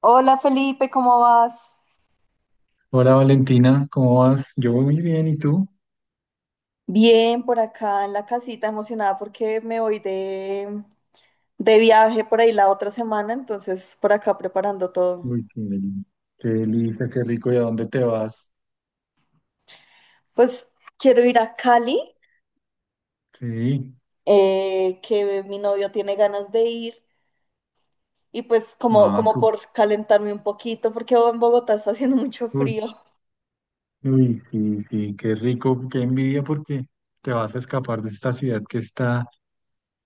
Hola Felipe, ¿cómo vas? Hola Valentina, ¿cómo vas? Yo voy muy bien, ¿y tú? Bien, por acá en la casita, emocionada porque me voy de viaje por ahí la otra semana, entonces por acá preparando todo. Uy, qué delicia, qué rico, ¿y a dónde te vas? Pues quiero ir a Cali, Sí, que mi novio tiene ganas de ir, y pues más, como uy, por calentarme un poquito, porque en Bogotá está haciendo mucho frío. uy, sí, sí, qué rico, qué envidia porque te vas a escapar de esta ciudad que está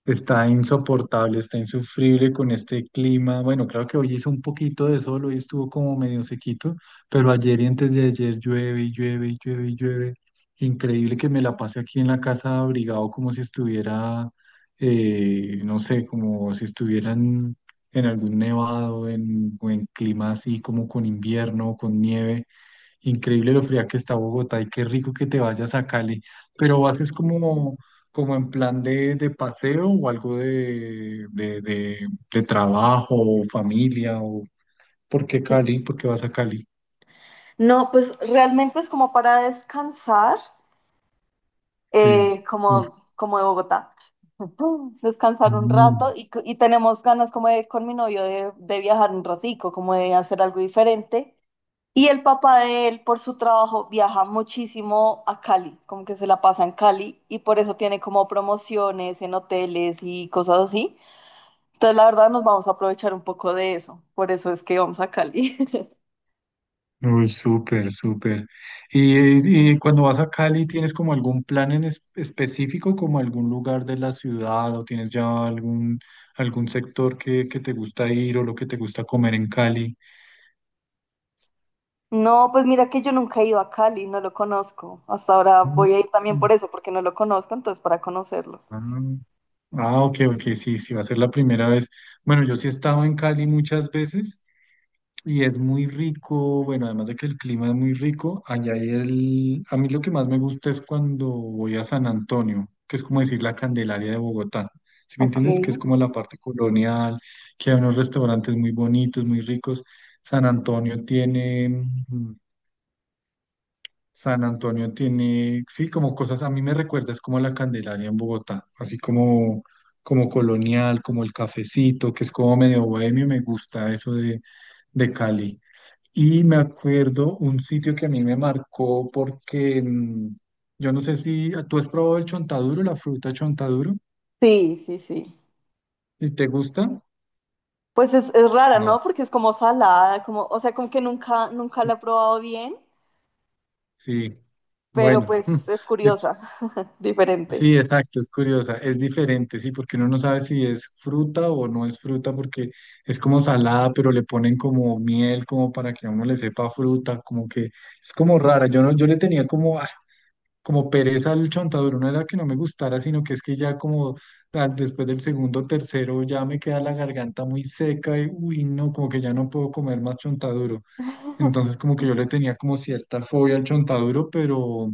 Está insoportable, está insufrible con este clima. Bueno, claro que hoy hizo un poquito de sol, hoy estuvo como medio sequito, pero ayer y antes de ayer llueve y llueve y llueve y llueve. Increíble que me la pase aquí en la casa abrigado como si estuviera, no sé, como si estuvieran en en algún nevado en, o en clima así como con invierno, con nieve. Increíble lo fría que está Bogotá y qué rico que te vayas a Cali. Pero ¿vas es como, como en plan de paseo o algo de trabajo o familia? O, ¿por qué Cali? ¿Por qué vas a Cali? No, pues realmente es como para descansar. Sí. Uf. Como de Bogotá. Descansar un Mm. rato y y tenemos ganas como de con mi novio de viajar un ratico, como de hacer algo diferente. Y el papá de él, por su trabajo, viaja muchísimo a Cali, como que se la pasa en Cali y por eso tiene como promociones en hoteles y cosas así. Entonces, la verdad, nos vamos a aprovechar un poco de eso. Por eso es que vamos a Cali. Uy, súper, súper. Y cuando vas a Cali, ¿tienes como algún plan específico, como algún lugar de la ciudad o tienes ya algún, algún sector que te gusta ir o lo que te gusta comer en Cali? No, pues mira que yo nunca he ido a Cali, no lo conozco. Hasta ahora Mm. voy a ir también por eso, porque no lo conozco, entonces para conocerlo. Ah, ah, ok, ok, sí, sí, va a ser la primera vez. Bueno, yo sí he estado en Cali muchas veces y es muy rico, bueno, además de que el clima es muy rico, allá hay el... A mí lo que más me gusta es cuando voy a San Antonio, que es como decir la Candelaria de Bogotá. ¿Sí me Ok. entiendes? Que es como la parte colonial, que hay unos restaurantes muy bonitos, muy ricos. San Antonio tiene... mm, San Antonio tiene, sí, como cosas, a mí me recuerda, es como la Candelaria en Bogotá, así como, como colonial, como el cafecito, que es como medio bohemio, me gusta eso de Cali. Y me acuerdo un sitio que a mí me marcó porque yo no sé si tú has probado el chontaduro, la fruta chontaduro, Sí, sí, sí. y te gusta, Pues es rara, no, ¿no? Porque es como salada, como, o sea, como que nunca, nunca la sí, he probado bien, sí. pero Bueno, pues es es, curiosa, diferente. Sí, exacto, es curiosa, es diferente, sí, porque uno no sabe si es fruta o no es fruta, porque es como salada, pero le ponen como miel, como para que a uno le sepa fruta, como que es como rara. Yo no, yo le tenía como, como pereza al chontaduro, no era que no me gustara, sino que es que ya como después del segundo, tercero, ya me queda la garganta muy seca y uy, no, como que ya no puedo comer más chontaduro. Entonces, como que yo le tenía como cierta fobia al chontaduro, pero.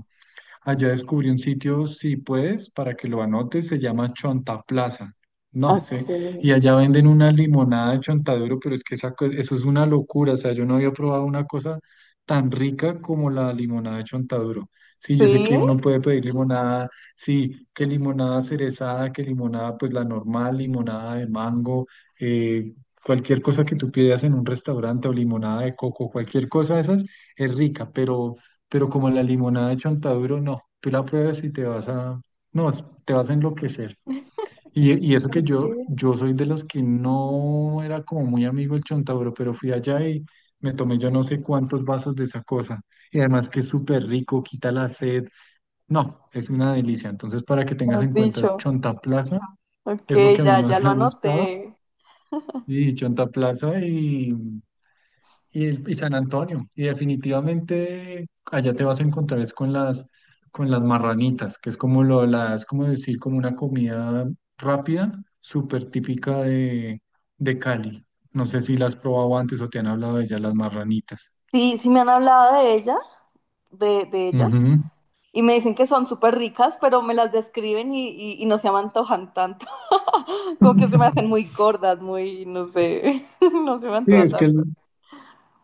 Allá descubrí un sitio, si puedes, para que lo anotes, se llama Chonta Plaza. No Ok. sé, y allá venden una limonada de chontaduro, pero es que esa, eso es una locura, o sea, yo no había probado una cosa tan rica como la limonada de chontaduro. Sí, yo sé que Sí. uno puede pedir limonada, sí, que limonada cerezada, que limonada, pues la normal, limonada de mango, eh, cualquier cosa que tú pidas en un restaurante o limonada de coco, cualquier cosa de esas es rica, pero como la limonada de Chontaduro, no, tú la pruebas y te vas a, no, te vas a enloquecer. Y eso que Ok. yo soy de los que no era como muy amigo el Chontaduro, pero fui allá y me tomé yo no sé cuántos vasos de esa cosa. Y además que es súper rico, quita la sed. No, es una delicia. Entonces, para que tengas Mejor en cuenta, dicho. Chonta Plaza Ok, es lo que a ya, mí ya más me lo ha anoté. gustado. Y Chonta Plaza y San Antonio, y definitivamente allá te vas a encontrar es con las marranitas, que es como lo, la, es como decir, como una comida rápida, súper típica de Cali. No sé si la has probado antes o te han hablado de ellas, las marranitas. Sí, sí me han hablado de ella, de ellas. Ujú. Y me dicen que son súper ricas, pero me las describen y no se me antojan tanto. Como que se me hacen muy gordas, muy, no sé, no se me Sí, antoja es que tanto.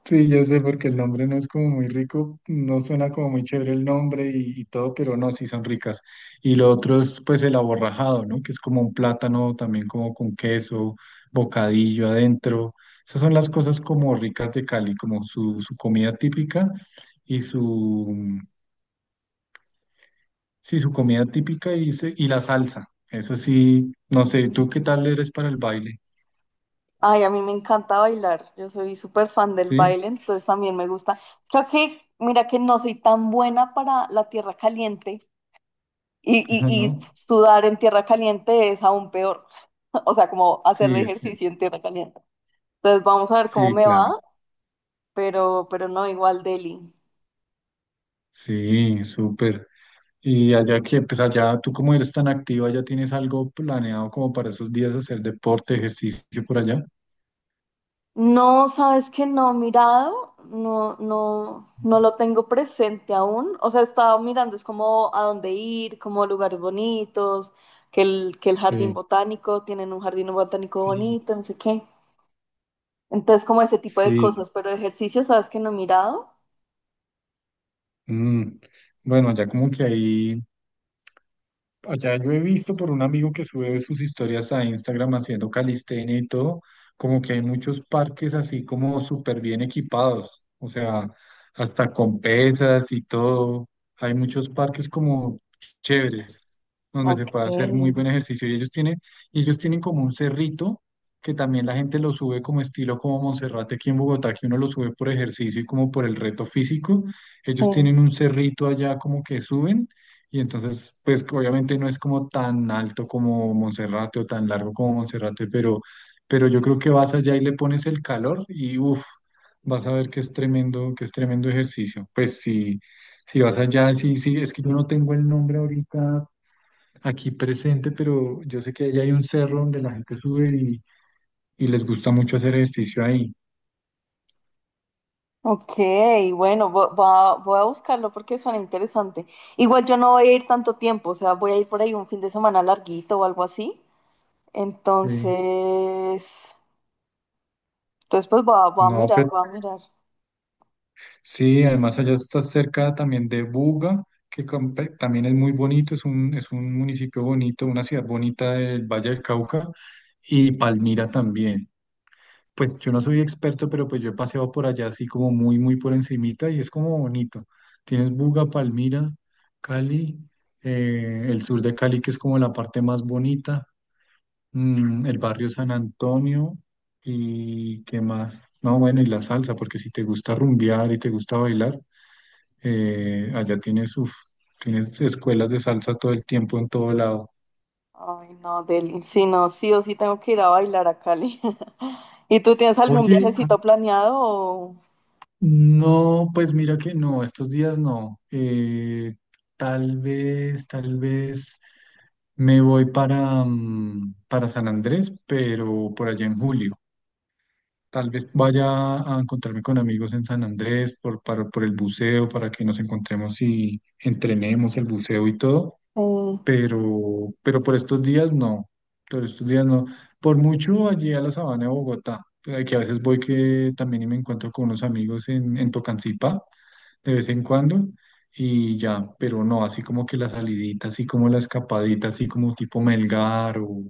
sí, yo sé, porque el nombre no es como muy rico, no suena como muy chévere el nombre y todo, pero no, sí son ricas. Y lo otro es pues el aborrajado, ¿no? Que es como un plátano también como con queso, bocadillo adentro. Esas son las cosas como ricas de Cali, como su comida típica y su, sí, su comida típica y la salsa. Eso sí, no sé, ¿tú qué tal eres para el baile? Ay, a mí me encanta bailar. Yo soy súper fan del ¿Sí? baile, entonces también me gusta. Creo que, mira que no soy tan buena para la tierra caliente y, y, y ¿No? sudar en tierra caliente es aún peor. O sea, como hacer Sí, de este, ejercicio en tierra caliente. Entonces vamos a ver cómo sí, me claro. va, pero no, igual Delhi. Sí, súper. Y allá que, pues allá tú como eres tan activa, ya tienes algo planeado como para esos días hacer deporte, ejercicio por allá. No, sabes que no he mirado, no, no, no lo tengo presente aún. O sea, he estado mirando, es como a dónde ir, como lugares bonitos, que el jardín Sí, botánico, tienen un jardín botánico sí, bonito, no sé qué. Entonces, como ese tipo de sí. cosas, pero ejercicio, sabes que no he mirado. Mm, bueno, allá como que ahí. Allá yo he visto por un amigo que sube sus historias a Instagram haciendo calistenia y todo, como que hay muchos parques así como súper bien equipados, o sea, hasta con pesas y todo. Hay muchos parques como chéveres, donde Ok, se puede hacer muy buen ejercicio. Y ellos tienen como un cerrito que también la gente lo sube como estilo como Monserrate aquí en Bogotá, que uno lo sube por ejercicio y como por el reto físico. Ellos sí. tienen un cerrito allá como que suben. Y entonces, pues obviamente no es como tan alto como Monserrate o tan largo como Monserrate, pero yo creo que vas allá y le pones el calor y uff, vas a ver que es tremendo ejercicio. Pues si, si vas allá, sí, sí, es que yo no tengo el nombre ahorita aquí presente, pero yo sé que allá hay un cerro donde la gente sube y les gusta mucho hacer ejercicio ahí. Ok, bueno, voy a buscarlo porque suena interesante. Igual yo no voy a ir tanto tiempo, o sea, voy a ir por ahí un fin de semana larguito o algo así. Sí. Entonces, pues voy a No, mirar, voy a mirar. sí, además allá está cerca también de Buga, también es muy bonito, es un municipio bonito, una ciudad bonita del Valle del Cauca y Palmira también. Pues yo no soy experto, pero pues yo he paseado por allá así como muy, muy por encimita y es como bonito. Tienes Buga, Palmira, Cali, el sur de Cali que es como la parte más bonita, el barrio San Antonio y qué más. No, bueno, y la salsa, porque si te gusta rumbear y te gusta bailar. Allá tienes, uf, tienes escuelas de salsa todo el tiempo en todo lado. Ay, no, Deli. Si no, sí o sí tengo que ir a bailar a Cali. ¿Y tú tienes algún Oye, viajecito planeado? O... no, pues mira que no, estos días no. Tal vez me voy para, para San Andrés, pero por allá en julio. Tal vez vaya a encontrarme con amigos en San Andrés por, para, por el buceo, para que nos encontremos y entrenemos el buceo y todo. Sí, Pero por estos días no, por estos días no. Por mucho allí a la sabana de Bogotá, que a veces voy que también y me encuentro con unos amigos en Tocancipá de vez en cuando y ya, pero no, así como que la salidita, así como la escapadita, así como tipo Melgar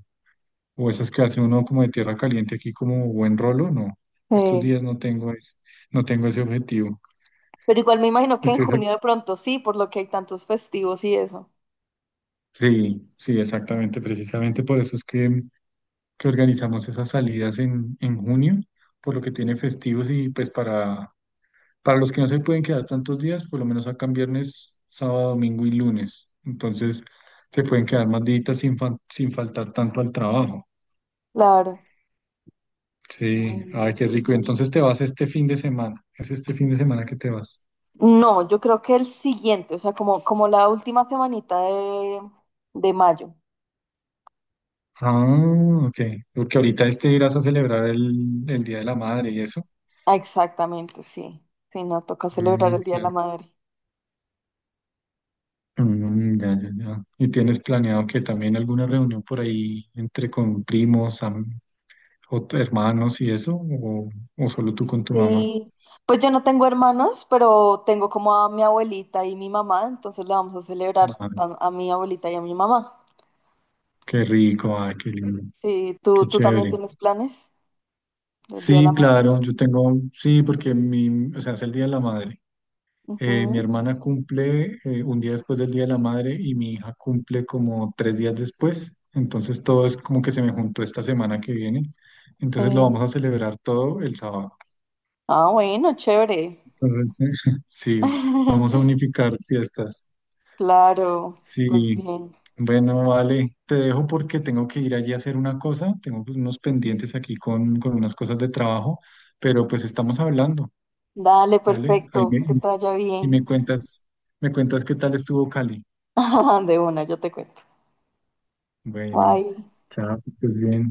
o esas que hace uno como de tierra caliente aquí como buen rolo, no. Estos sí. días no tengo ese, no tengo ese objetivo. Pero igual me imagino que en Estoy, exac- junio de pronto sí, por lo que hay tantos festivos y eso. sí, sí, exactamente, precisamente por eso es que organizamos esas salidas en junio, por lo que tiene festivos y pues para los que no se pueden quedar tantos días, por lo menos sacan viernes, sábado, domingo y lunes. Entonces se pueden quedar más días sin, sin faltar tanto al trabajo. Claro. Sí, ay, Bueno, qué rico. Y súper. entonces te vas este fin de semana. Es este fin de semana que te vas. No, yo creo que el siguiente, o sea, como, como la última semanita de mayo. Ah, ok. Porque ahorita este irás a celebrar el Día de la Madre y eso. Ah, exactamente, sí. Sí, no, toca celebrar Mm, el Día de la claro. Madre. Mm, ya, ya, ya. ¿Y tienes planeado que también alguna reunión por ahí entre con primos, hermanos y eso? O solo tú con tu mamá? Sí, pues yo no tengo hermanos, pero tengo como a mi abuelita y mi mamá, entonces le vamos a celebrar Ah, a mi abuelita y a mi mamá. qué rico, ay, qué lindo, Sí, ¿tú, qué tú también chévere. tienes planes del Día de la Sí, Madre? claro, yo tengo, sí, porque mi, o sea, es el Día de la Madre. Mi Ujú, hermana cumple un día después del Día de la Madre y mi hija cumple como tres días después. Entonces todo es como que se me juntó esta semana que viene. Entonces lo vamos sí. a celebrar todo el sábado. Ah, bueno, chévere. Entonces, sí, vamos a unificar fiestas. Claro, pues Sí, bien. bueno, vale, te dejo porque tengo que ir allí a hacer una cosa, tengo unos pendientes aquí con unas cosas de trabajo, pero pues estamos hablando, Dale, ¿vale? Ahí me, perfecto, que te vaya y bien. Me cuentas qué tal estuvo Cali. De una, yo te cuento. Bueno, Bye. chao, que estés bien.